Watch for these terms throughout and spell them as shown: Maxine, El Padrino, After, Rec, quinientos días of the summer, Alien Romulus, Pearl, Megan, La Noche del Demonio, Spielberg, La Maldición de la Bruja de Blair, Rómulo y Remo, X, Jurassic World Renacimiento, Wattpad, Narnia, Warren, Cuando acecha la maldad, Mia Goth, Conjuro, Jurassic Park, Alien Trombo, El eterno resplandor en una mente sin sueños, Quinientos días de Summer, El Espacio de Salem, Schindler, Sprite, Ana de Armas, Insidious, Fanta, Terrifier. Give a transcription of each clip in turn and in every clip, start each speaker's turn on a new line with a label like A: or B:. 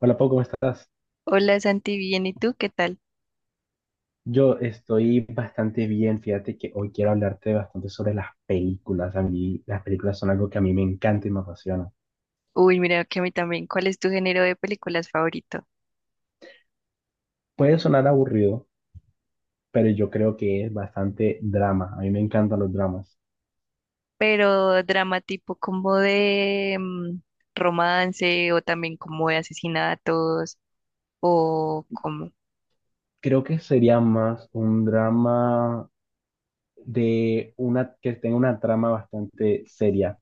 A: Hola Pau, ¿cómo estás?
B: Hola Santi, bien, ¿y tú qué tal?
A: Yo estoy bastante bien, fíjate que hoy quiero hablarte bastante sobre las películas. A mí las películas son algo que a mí me encanta y me apasiona.
B: Uy, mira que a mí también. ¿Cuál es tu género de películas favorito?
A: Puede sonar aburrido, pero yo creo que es bastante drama. A mí me encantan los dramas.
B: Pero drama tipo como de romance o también como de asesinatos o como.
A: Creo que sería más un drama de una que tenga una trama bastante seria.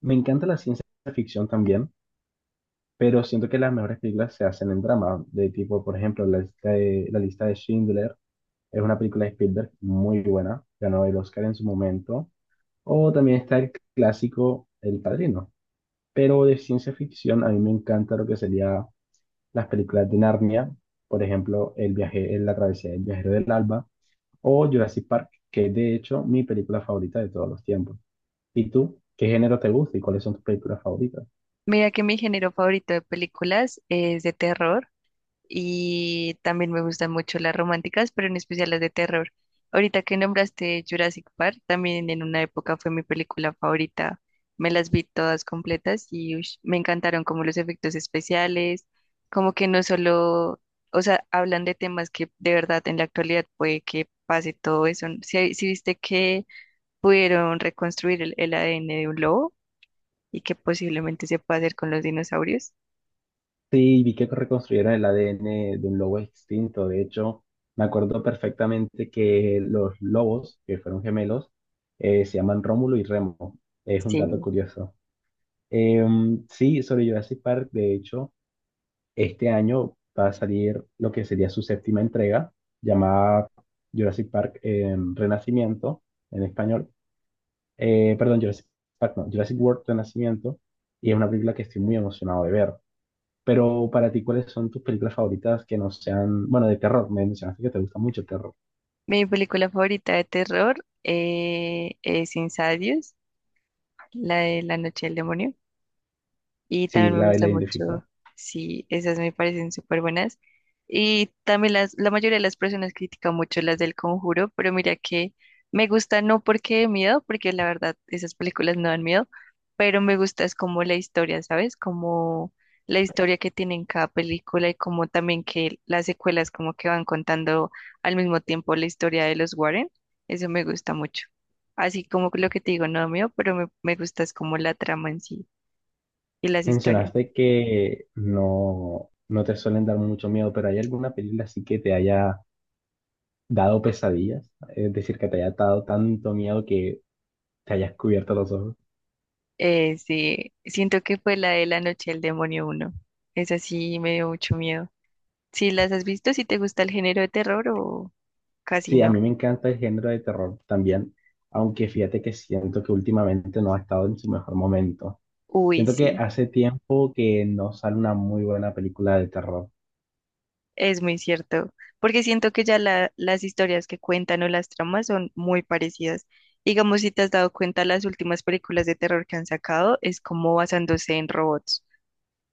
A: Me encanta la ciencia ficción también, pero siento que las mejores películas se hacen en drama, de tipo, por ejemplo, la lista de Schindler. Es una película de Spielberg muy buena, ganó el Oscar en su momento. O también está el clásico El Padrino. Pero de ciencia ficción a mí me encanta lo que sería las películas de Narnia, por ejemplo, El viaje, en la travesía del viajero del alba o Jurassic Park, que es de hecho mi película favorita de todos los tiempos. ¿Y tú? ¿Qué género te gusta y cuáles son tus películas favoritas?
B: Mira que mi género favorito de películas es de terror. Y también me gustan mucho las románticas, pero en especial las de terror. Ahorita que nombraste Jurassic Park, también en una época fue mi película favorita. Me las vi todas completas y ush, me encantaron como los efectos especiales, como que no solo, o sea, hablan de temas que de verdad en la actualidad puede que pase todo eso. Si viste que pudieron reconstruir el ADN de un lobo y que posiblemente se pueda hacer con los dinosaurios,
A: Sí, vi que reconstruyeron el ADN de un lobo extinto. De hecho, me acuerdo perfectamente que los lobos, que fueron gemelos, se llaman Rómulo y Remo. Es un dato
B: sí.
A: curioso. Sí, sobre Jurassic Park, de hecho, este año va a salir lo que sería su séptima entrega, llamada Jurassic Park Renacimiento, en español. Perdón, Jurassic Park, no, Jurassic World Renacimiento. Y es una película que estoy muy emocionado de ver. Pero para ti, ¿cuáles son tus películas favoritas que no sean, bueno, de terror? Me mencionaste que te gusta mucho el terror.
B: Mi película favorita de terror es Insidious, la de La Noche del Demonio y
A: Sí,
B: también me
A: la,
B: gusta
A: la identifico.
B: mucho, sí, esas me parecen súper buenas. Y también la mayoría de las personas critican mucho las del Conjuro, pero mira que me gusta no porque de miedo, porque la verdad esas películas no dan miedo, pero me gusta es como la historia, ¿sabes? Como la historia que tiene en cada película y como también que las secuelas como que van contando al mismo tiempo la historia de los Warren, eso me gusta mucho. Así como lo que te digo, no da miedo, pero me gusta es como la trama en sí y las historias.
A: Mencionaste que no, no te suelen dar mucho miedo, pero ¿hay alguna película así que te haya dado pesadillas? Es decir, que te haya dado tanto miedo que te hayas cubierto los ojos.
B: Sí, siento que fue la de La Noche del Demonio uno. Esa sí me dio mucho miedo. Si las has visto, si te gusta el género de terror o casi
A: Sí, a
B: no.
A: mí me encanta el género de terror también, aunque fíjate que siento que últimamente no ha estado en su mejor momento.
B: Uy,
A: Siento que
B: sí,
A: hace tiempo que no sale una muy buena película de terror.
B: es muy cierto. Porque siento que ya las historias que cuentan o las tramas son muy parecidas. Digamos, si te has dado cuenta, las últimas películas de terror que han sacado es como basándose en robots.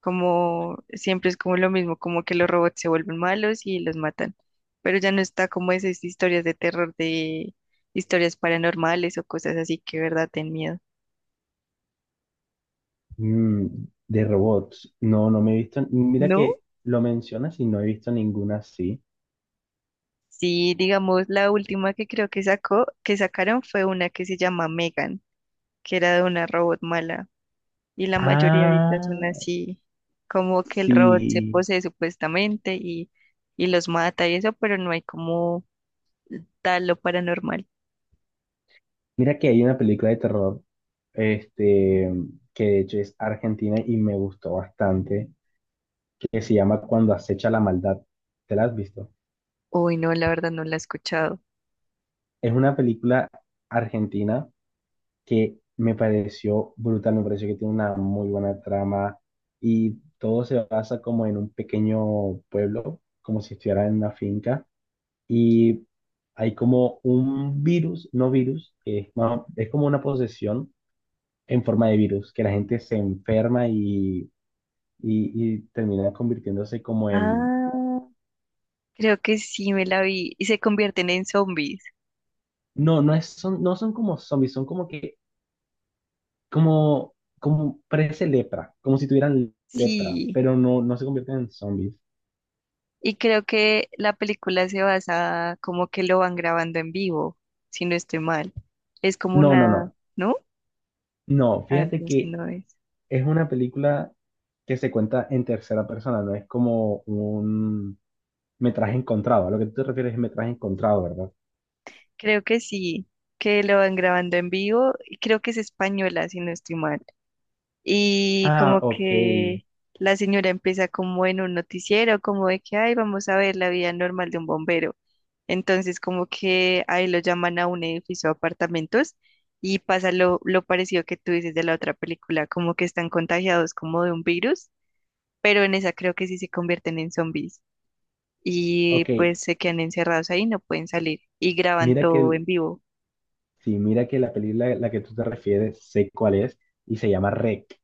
B: Como siempre es como lo mismo, como que los robots se vuelven malos y los matan, pero ya no está como esas historias de terror de historias paranormales o cosas así que de verdad ten miedo.
A: Mm, de robots. No, no me he visto. Mira
B: ¿No?
A: que lo mencionas y no he visto ninguna así.
B: Sí, digamos, la última que creo que sacó, que sacaron fue una que se llama Megan, que era de una robot mala, y la mayoría ahorita son
A: Ah,
B: así, como que el robot se
A: sí.
B: posee supuestamente y los mata y eso, pero no hay como tal lo paranormal.
A: Mira que hay una película de terror, este, que de hecho es argentina y me gustó bastante, que se llama Cuando acecha la maldad. ¿Te la has visto?
B: Uy, no, la verdad no la he escuchado.
A: Es una película argentina que me pareció brutal, me pareció que tiene una muy buena trama y todo se basa como en un pequeño pueblo, como si estuviera en una finca y hay como un virus, no virus, que es, más- es como una posesión en forma de virus, que la gente se enferma y termina convirtiéndose como en...
B: Ah, creo que sí me la vi. Y se convierten en zombies.
A: No, no, no son como zombies, son como que, como, como parece lepra, como si tuvieran lepra,
B: Sí.
A: pero no, no se convierten en zombies.
B: Y creo que la película se basa como que lo van grabando en vivo, si no estoy mal. Es como
A: No, no,
B: una,
A: no,
B: ¿no?
A: no,
B: Ah,
A: fíjate
B: entonces
A: que
B: no es.
A: es una película que se cuenta en tercera persona, no es como un metraje encontrado. A lo que tú te refieres es metraje encontrado, ¿verdad?
B: Creo que sí, que lo van grabando en vivo y creo que es española, si no estoy mal. Y
A: Ah,
B: como
A: ok,
B: que la señora empieza como en un noticiero, como de que, ay, vamos a ver la vida normal de un bombero. Entonces como que ahí lo llaman a un edificio de apartamentos y pasa lo parecido que tú dices de la otra película, como que están contagiados como de un virus, pero en esa creo que sí se convierten en zombies y
A: ok.
B: pues se quedan encerrados ahí, no pueden salir y graban
A: Mira que,
B: todo en vivo.
A: sí, mira que la película a la que tú te refieres, sé cuál es, y se llama Rec.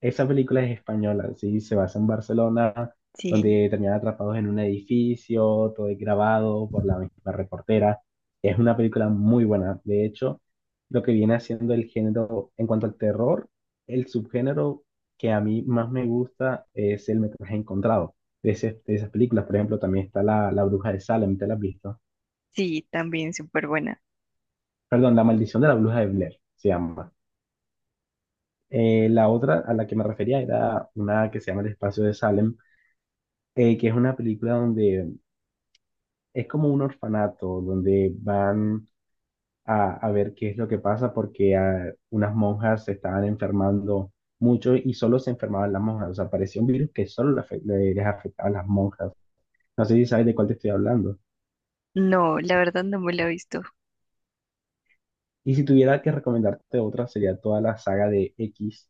A: Esa película es española, sí, se basa en Barcelona,
B: Sí,
A: donde terminan atrapados en un edificio, todo es grabado por la misma reportera. Es una película muy buena. De hecho, lo que viene haciendo el género en cuanto al terror, el subgénero que a mí más me gusta es el metraje encontrado de, de esas películas. Por ejemplo, también está La Bruja de Salem, ¿te la has visto?
B: sí, también súper buena.
A: Perdón, La Maldición de la Bruja de Blair se llama. La otra a la que me refería era una que se llama El Espacio de Salem, que es una película donde es como un orfanato, donde van a ver qué es lo que pasa porque unas monjas se estaban enfermando mucho y solo se enfermaban las monjas, o sea, parecía un virus que solo le les afectaba a las monjas. No sé si sabes de cuál te estoy hablando.
B: No, la verdad no me la he visto.
A: Y si tuviera que recomendarte otra, sería toda la saga de X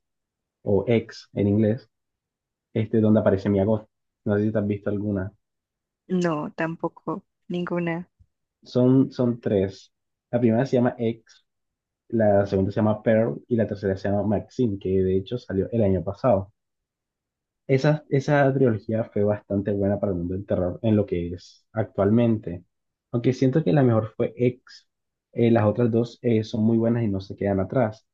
A: o X en inglés, donde aparece Mia Goth. No sé si te has visto alguna.
B: No, tampoco, ninguna.
A: Son, son tres. La primera se llama X, la segunda se llama Pearl y la tercera se llama Maxine, que de hecho salió el año pasado. Esa trilogía fue bastante buena para el mundo del terror en lo que es actualmente. Aunque siento que la mejor fue X, las otras dos son muy buenas y no se quedan atrás.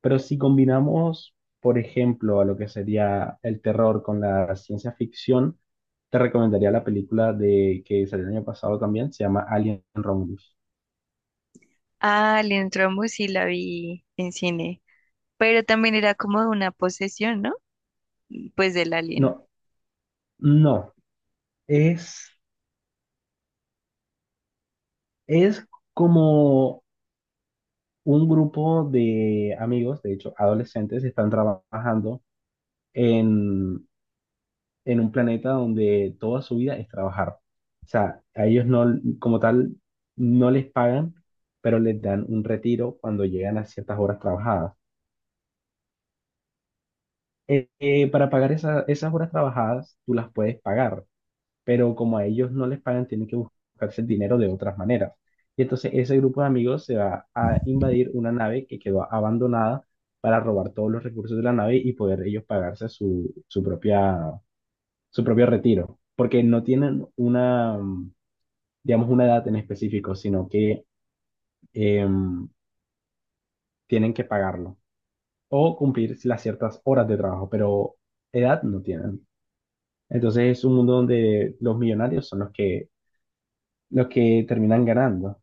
A: Pero si combinamos, por ejemplo, a lo que sería el terror con la ciencia ficción, te recomendaría la película de que salió el año pasado también, se llama Alien Romulus.
B: Ah, Alien Trombo sí la vi en cine, pero también era como de una posesión, ¿no? Pues del
A: No,
B: alien.
A: no, es Es como un grupo de amigos, de hecho, adolescentes, están trabajando en, en un planeta donde toda su vida es trabajar. O sea, a ellos no, como tal, no les pagan, pero les dan un retiro cuando llegan a ciertas horas trabajadas. Para pagar esas horas trabajadas, tú las puedes pagar, pero como a ellos no les pagan, tienen que buscarse el dinero de otras maneras. Y entonces ese grupo de amigos se va a invadir una nave que quedó abandonada para robar todos los recursos de la nave y poder ellos pagarse su propio retiro, porque no tienen una, digamos, una edad en específico, sino que em, tienen que pagarlo o cumplir las ciertas horas de trabajo, pero edad no tienen. Entonces es un mundo donde los millonarios son los que terminan ganando.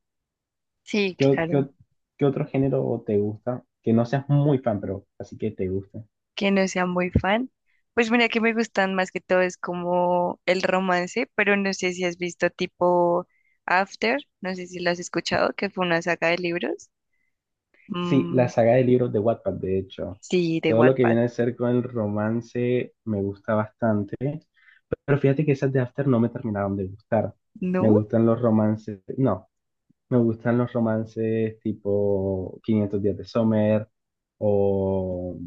B: Sí,
A: ¿Qué, o- qué,
B: claro,
A: o- ¿Qué otro género te gusta? Que no seas muy fan, pero así que te gusta.
B: que no sea muy fan. Pues mira que me gustan más que todo es como el romance, pero no sé si has visto tipo After, no sé si lo has escuchado, que fue una saga de libros.
A: Sí, la
B: Mm,
A: saga de libros de Wattpad, de hecho.
B: sí, de
A: Todo lo que
B: Wattpad,
A: viene a ser con el romance me gusta bastante. Pero fíjate que esas de After no me terminaron de gustar. Me
B: ¿no?
A: gustan los romances, no, me gustan los romances tipo Quinientos días de Summer o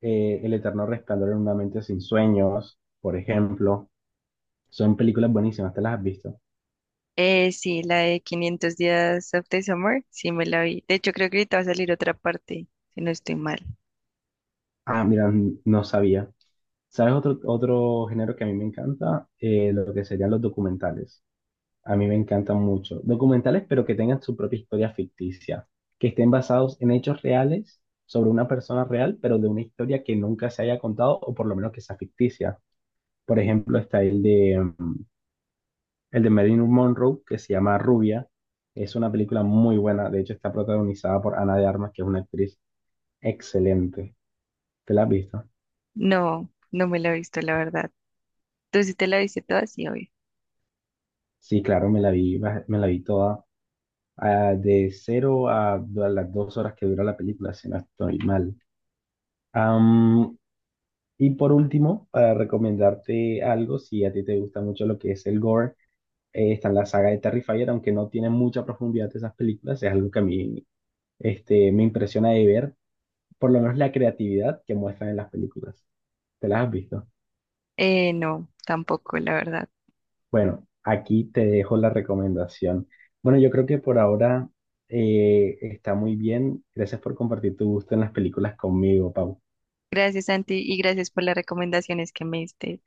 A: El eterno resplandor en una mente sin sueños, por ejemplo. Son películas buenísimas, ¿te las has visto?
B: Sí, la de 500 días of the summer, sí me la vi. De hecho, creo que ahorita va a salir otra parte, si no estoy mal.
A: Ah, mira, no sabía. ¿Sabes otro, otro género que a mí me encanta? Lo que serían los documentales. A mí me encantan mucho. Documentales, pero que tengan su propia historia ficticia, que estén basados en hechos reales sobre una persona real, pero de una historia que nunca se haya contado o por lo menos que sea ficticia. Por ejemplo, está el de, el de Marilyn Monroe, que se llama Rubia. Es una película muy buena. De hecho, está protagonizada por Ana de Armas, que es una actriz excelente. ¿Te la has visto?
B: No, no me la he visto, la verdad. ¿Tú sí te la viste toda? Sí, obvio.
A: Sí, claro, me la vi, me la vi toda, de cero a las 2 horas que dura la película, si no estoy mal. Am, y por último, para recomendarte algo, si a ti te gusta mucho lo que es el gore, está en la saga de Terrifier, aunque no tiene mucha profundidad de esas películas, es algo que a mí me impresiona de ver, por lo menos la creatividad que muestran en las películas. ¿Te las has visto?
B: No, tampoco, la verdad.
A: Bueno, aquí te dejo la recomendación. Bueno, yo creo que por ahora está muy bien. Gracias por compartir tu gusto en las películas conmigo, Pau.
B: Gracias, Santi, y gracias por las recomendaciones que me diste.